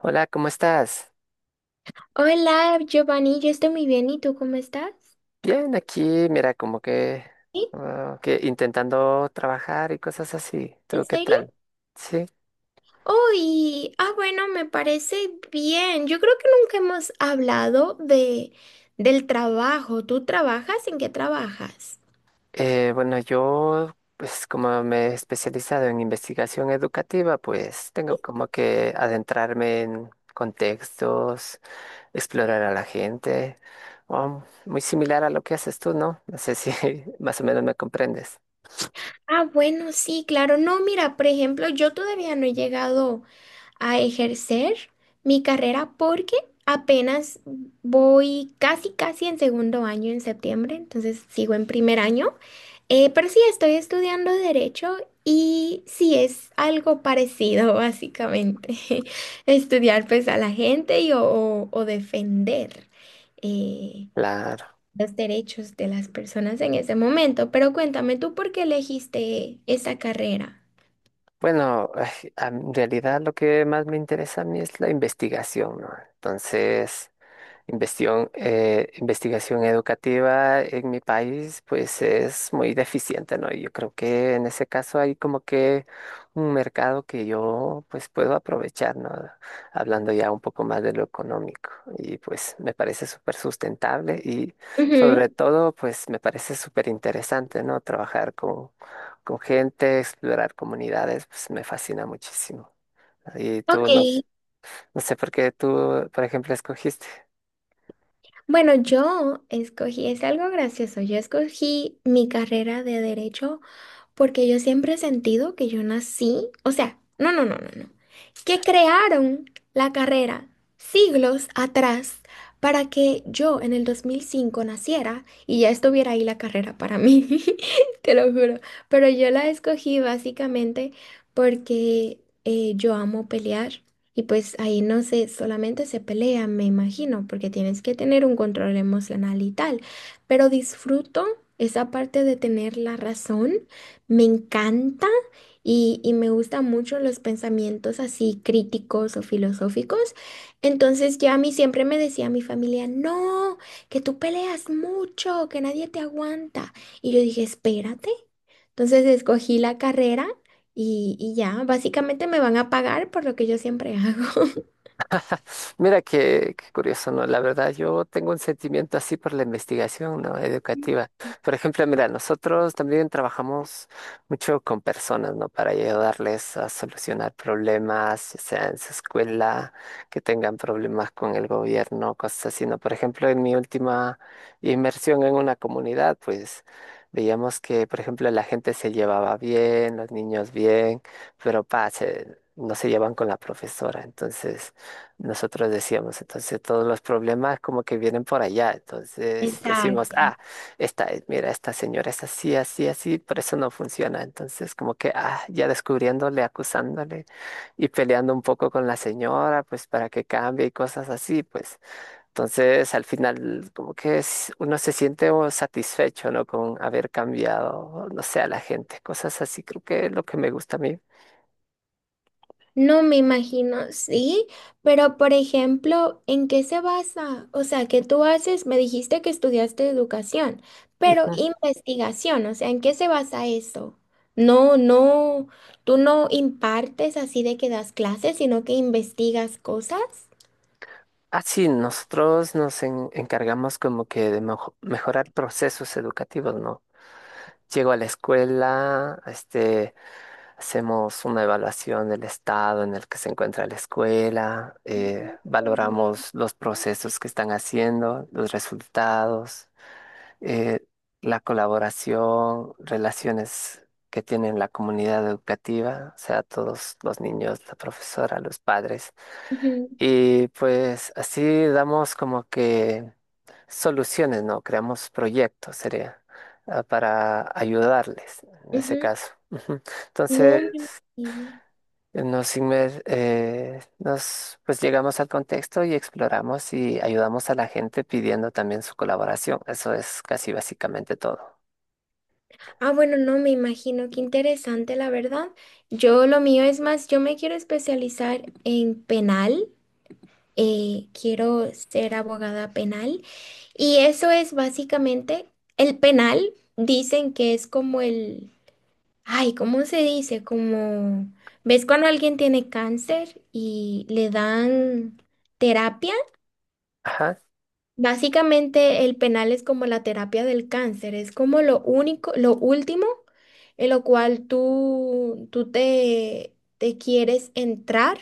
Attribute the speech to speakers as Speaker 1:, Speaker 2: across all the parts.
Speaker 1: Hola, ¿cómo estás?
Speaker 2: Hola, Giovanni, yo estoy muy bien. ¿Y tú cómo estás?
Speaker 1: Bien, aquí, mira, como que,
Speaker 2: ¿Sí?
Speaker 1: que intentando trabajar y cosas así.
Speaker 2: ¿En
Speaker 1: ¿Tú qué
Speaker 2: serio?
Speaker 1: tal? Sí.
Speaker 2: Uy, ah, bueno, me parece bien. Yo creo que nunca hemos hablado de del trabajo. ¿Tú trabajas? ¿En qué trabajas?
Speaker 1: Bueno, yo, pues como me he especializado en investigación educativa, pues tengo como que adentrarme en contextos, explorar a la gente, muy similar a lo que haces tú, ¿no? No sé si más o menos me comprendes.
Speaker 2: Ah, bueno, sí, claro. No, mira, por ejemplo, yo todavía no he llegado a ejercer mi carrera porque apenas voy casi, casi en segundo año en septiembre, entonces sigo en primer año. Pero sí, estoy estudiando derecho y sí es algo parecido, básicamente. Estudiar pues a la gente y o defender eh, los derechos de las personas en ese momento. Pero cuéntame tú por qué elegiste esa carrera.
Speaker 1: Bueno, ay, en realidad lo que más me interesa a mí es la investigación, ¿no? Entonces, investigación educativa en mi país, pues es muy deficiente, ¿no? Y yo creo que en ese caso hay como que un mercado que yo pues puedo aprovechar, ¿no? Hablando ya un poco más de lo económico. Y pues me parece súper sustentable y sobre
Speaker 2: Ujú.
Speaker 1: todo pues me parece súper interesante, ¿no? Trabajar con gente, explorar comunidades, pues me fascina muchísimo. Y
Speaker 2: Ok.
Speaker 1: tú no, no sé por qué tú, por ejemplo, escogiste.
Speaker 2: Bueno, yo escogí, es algo gracioso, yo escogí mi carrera de derecho porque yo siempre he sentido que yo nací, o sea, no, no, no, no, no, que crearon la carrera siglos atrás para que yo en el 2005 naciera y ya estuviera ahí la carrera para mí, te lo juro, pero yo la escogí básicamente porque yo amo pelear. Y pues ahí no sé, solamente se pelea, me imagino, porque tienes que tener un control emocional y tal. Pero disfruto esa parte de tener la razón me encanta y me gustan mucho los pensamientos así críticos o filosóficos. Entonces ya a mí siempre me decía mi familia, no, que tú peleas mucho, que nadie te aguanta. Y yo dije, espérate. Entonces escogí la carrera y ya, básicamente me van a pagar por lo que yo siempre hago.
Speaker 1: Mira qué, qué curioso, ¿no? La verdad, yo tengo un sentimiento así por la investigación, ¿no? Educativa. Por ejemplo, mira, nosotros también trabajamos mucho con personas, ¿no? Para ayudarles a solucionar problemas, ya sea en su escuela, que tengan problemas con el gobierno, cosas así, ¿no? Por ejemplo, en mi última inmersión en una comunidad, pues veíamos que, por ejemplo, la gente se llevaba bien, los niños bien, pero no se llevan con la profesora. Entonces, nosotros decíamos, entonces todos los problemas como que vienen por allá. Entonces decimos,
Speaker 2: Exacto.
Speaker 1: ah, mira, esta señora es así, así, así, por eso no funciona. Entonces como que, ah, ya descubriéndole, acusándole y peleando un poco con la señora, pues para que cambie y cosas así, pues. Entonces al final como que es, uno se siente oh, satisfecho, ¿no? Con haber cambiado, no sé, a la gente, cosas así, creo que es lo que me gusta a mí.
Speaker 2: No me imagino, sí, pero por ejemplo, ¿en qué se basa? O sea, ¿qué tú haces? Me dijiste que estudiaste educación, pero investigación, o sea, ¿en qué se basa eso? No, no, tú no impartes así de que das clases, sino que investigas cosas.
Speaker 1: Así, nosotros encargamos como que de mejorar procesos educativos, ¿no? Llego a la escuela, este, hacemos una evaluación del estado en el que se encuentra la escuela,
Speaker 2: No.
Speaker 1: valoramos los procesos que están haciendo, los resultados, eh, la colaboración, relaciones que tienen la comunidad educativa, o sea, todos los niños, la profesora, los padres.
Speaker 2: Ujú,
Speaker 1: Y pues así damos como que soluciones, no, creamos proyectos, sería para ayudarles en ese
Speaker 2: ujú.
Speaker 1: caso. Ujú.
Speaker 2: No
Speaker 1: Entonces,
Speaker 2: me imagino.
Speaker 1: nos pues llegamos al contexto y exploramos y ayudamos a la gente pidiendo también su colaboración. Eso es casi básicamente todo.
Speaker 2: Ah, bueno, no me imagino, qué interesante, la verdad. Yo lo mío es más, yo me quiero especializar en penal. Quiero ser abogada penal. Y eso es básicamente, el penal dicen que es como el, ay, ¿cómo se dice? Como, ¿ves cuando alguien tiene cáncer y le dan terapia?
Speaker 1: Ajá.
Speaker 2: Básicamente el penal es como la terapia del cáncer, es como lo único, lo último en lo cual tú te quieres entrar,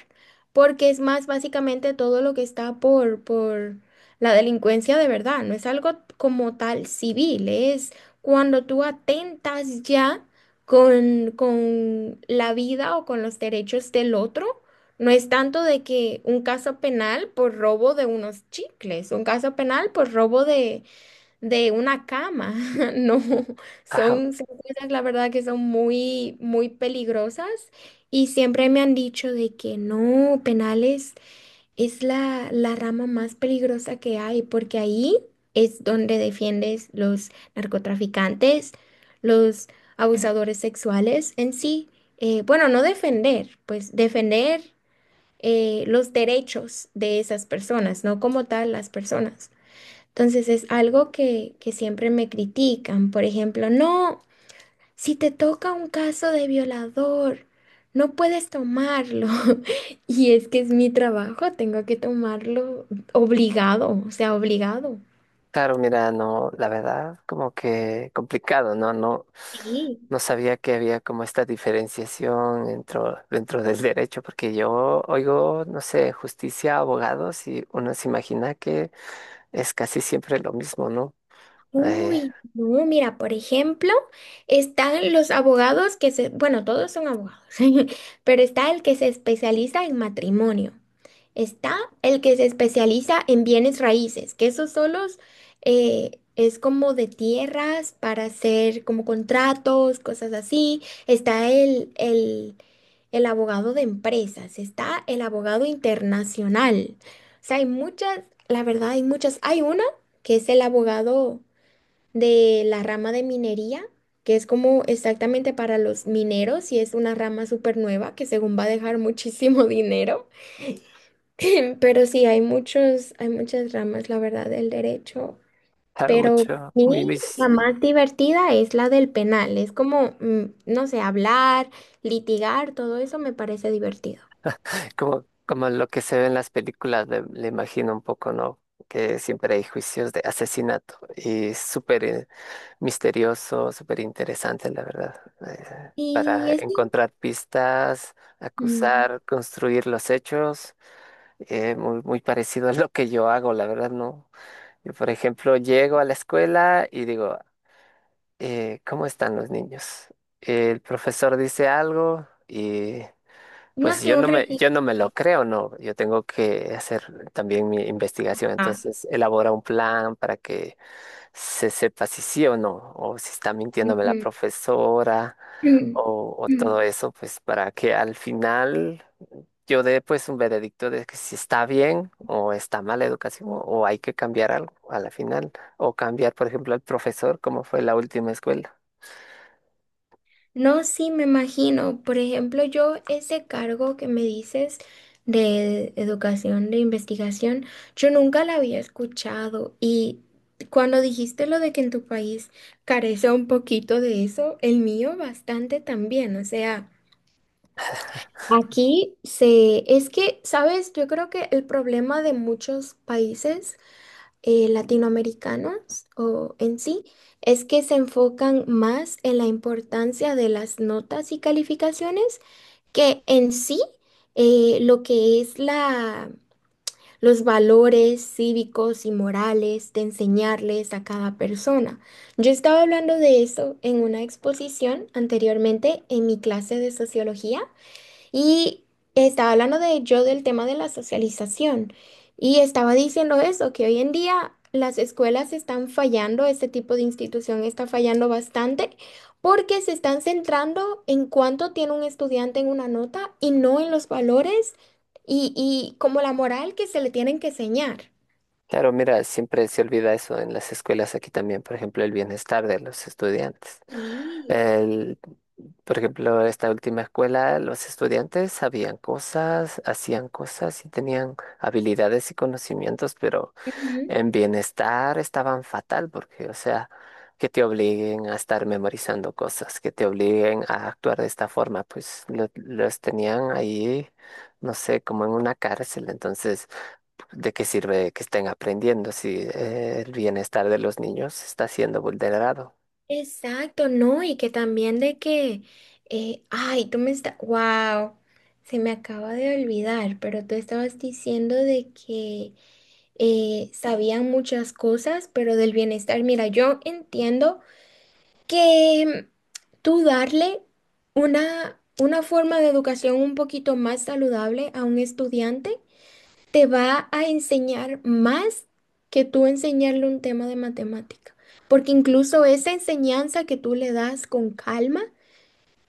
Speaker 2: porque es más básicamente todo lo que está por la delincuencia de verdad, no es algo como tal civil, es cuando tú atentas ya con la vida o con los derechos del otro. No es tanto de que un caso penal por robo de unos chicles, un caso penal por robo de una cama. No,
Speaker 1: Ajá,
Speaker 2: son cosas, la verdad, que son muy, muy peligrosas y siempre me han dicho de que no, penales es la rama más peligrosa que hay porque ahí es donde defiendes los narcotraficantes, los abusadores sexuales en sí. Bueno, no defender, pues defender los derechos de esas personas, no como tal las personas. Entonces es algo que siempre me critican. Por ejemplo, no, si te toca un caso de violador, no puedes tomarlo. Y es que es mi trabajo, tengo que tomarlo obligado, o sea, obligado.
Speaker 1: claro, mira, no, la verdad, como que complicado, ¿no? No,
Speaker 2: Sí.
Speaker 1: no sabía que había como esta diferenciación dentro, dentro del derecho, porque yo oigo, no sé, justicia, abogados, y uno se imagina que es casi siempre lo mismo, ¿no? Eh,
Speaker 2: Uy, no, mira, por ejemplo, están los abogados que se, bueno, todos son abogados, pero está el que se especializa en matrimonio. Está el que se especializa en bienes raíces, que esos solos es como de tierras para hacer como contratos, cosas así. Está el abogado de empresas, está el abogado internacional. O sea, hay muchas, la verdad hay muchas. Hay una que es el abogado de la rama de minería, que es como exactamente para los mineros y es una rama súper nueva que según va a dejar muchísimo dinero. Pero sí, hay muchos, hay muchas ramas, la verdad, del derecho.
Speaker 1: claro,
Speaker 2: Pero para
Speaker 1: mucho, muy, muy,
Speaker 2: mí la más divertida es la del penal. Es como, no sé, hablar, litigar, todo eso me parece divertido.
Speaker 1: como, como lo que se ve en las películas, le imagino un poco, ¿no? Que siempre hay juicios de asesinato y súper misterioso, súper interesante, la verdad,
Speaker 2: Y
Speaker 1: para
Speaker 2: es,
Speaker 1: encontrar pistas,
Speaker 2: mm,
Speaker 1: acusar, construir los hechos, muy, muy parecido a lo que yo hago, la verdad, ¿no? Yo, por ejemplo, llego a la escuela y digo, ¿cómo están los niños? El profesor dice algo, y
Speaker 2: no
Speaker 1: pues
Speaker 2: sé, un registro.
Speaker 1: yo no me lo creo, ¿no? Yo tengo que hacer también mi investigación,
Speaker 2: Ah,
Speaker 1: entonces elabora un plan para que se sepa si sí o no, o si está mintiéndome la profesora,
Speaker 2: ujú.
Speaker 1: o todo eso, pues para que al final yo dé pues un veredicto de que si está bien o está mal la educación, o hay que cambiar algo a la final, o cambiar, por ejemplo, al profesor, como fue la última escuela.
Speaker 2: No, sí, me imagino. Por ejemplo, yo ese cargo que me dices de educación, de investigación, yo nunca la había escuchado. Y cuando dijiste lo de que en tu país carece un poquito de eso, el mío bastante también. O sea, aquí se, es que, ¿sabes? Yo creo que el problema de muchos países latinoamericanos o en sí es que se enfocan más en la importancia de las notas y calificaciones que en sí lo que es los valores cívicos y morales de enseñarles a cada persona. Yo estaba hablando de eso en una exposición anteriormente en mi clase de sociología. Y estaba hablando de yo del tema de la socialización y estaba diciendo eso, que hoy en día las escuelas están fallando, este tipo de institución está fallando bastante porque se están centrando en cuánto tiene un estudiante en una nota y no en los valores y como la moral que se le tienen que enseñar.
Speaker 1: Claro, mira, siempre se olvida eso en las escuelas aquí también, por ejemplo, el bienestar de los estudiantes. El- por ejemplo, esta última escuela, los estudiantes sabían cosas, hacían cosas y tenían habilidades y conocimientos, pero en bienestar estaban fatal porque, o sea, que te obliguen a estar memorizando cosas, que te obliguen a actuar de esta forma, pues los tenían ahí, no sé, como en una cárcel, entonces, ¿de qué sirve que estén aprendiendo si el bienestar de los niños está siendo vulnerado?
Speaker 2: Exacto, no, y que también de que, ay, tú me estás, wow, se me acaba de olvidar, pero tú estabas diciendo de que sabían muchas cosas, pero del bienestar, mira, yo entiendo que tú darle una forma de educación un poquito más saludable a un estudiante te va a enseñar más que tú enseñarle un tema de matemática, porque incluso esa enseñanza que tú le das con calma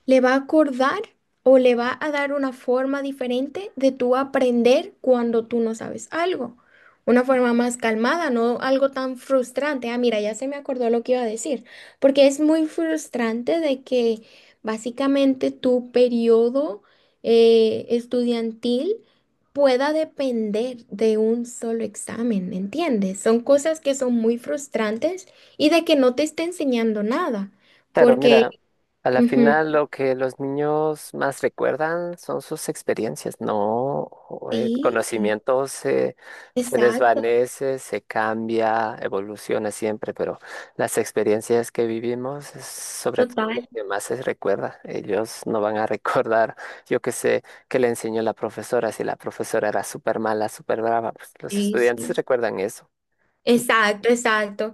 Speaker 2: le va a acordar o le va a dar una forma diferente de tú aprender cuando tú no sabes algo. Una forma más calmada, no algo tan frustrante. Ah, mira, ya se me acordó lo que iba a decir, porque es muy frustrante de que básicamente tu periodo estudiantil pueda depender de un solo examen, ¿entiendes? Son cosas que son muy frustrantes y de que no te esté enseñando nada,
Speaker 1: Claro,
Speaker 2: porque...
Speaker 1: mira, a la final
Speaker 2: Ujú.
Speaker 1: lo que los niños más recuerdan son sus experiencias, ¿no? O el
Speaker 2: Sí,
Speaker 1: conocimiento se, se
Speaker 2: exacto,
Speaker 1: desvanece, se cambia, evoluciona siempre, pero las experiencias que vivimos es sobre todo
Speaker 2: total.
Speaker 1: lo que más se recuerda. Ellos no van a recordar, yo qué sé, qué le enseñó la profesora, si la profesora era súper mala, súper brava, pues los
Speaker 2: Sí,
Speaker 1: estudiantes
Speaker 2: sí.
Speaker 1: recuerdan eso.
Speaker 2: Exacto, exacto.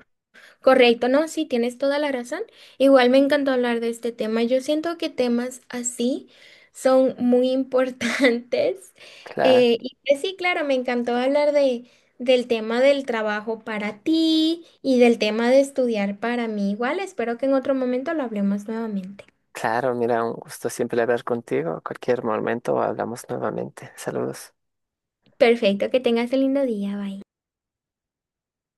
Speaker 2: Correcto, no, sí, tienes toda la razón. Igual me encantó hablar de este tema. Yo siento que temas así son muy importantes.
Speaker 1: Claro.
Speaker 2: Y pues sí, claro, me encantó hablar del tema del trabajo para ti y del tema de estudiar para mí. Igual espero que en otro momento lo hablemos nuevamente.
Speaker 1: Claro, mira, un gusto siempre hablar contigo. Cualquier momento hablamos nuevamente. Saludos.
Speaker 2: Perfecto, que tengas el lindo día. Bye.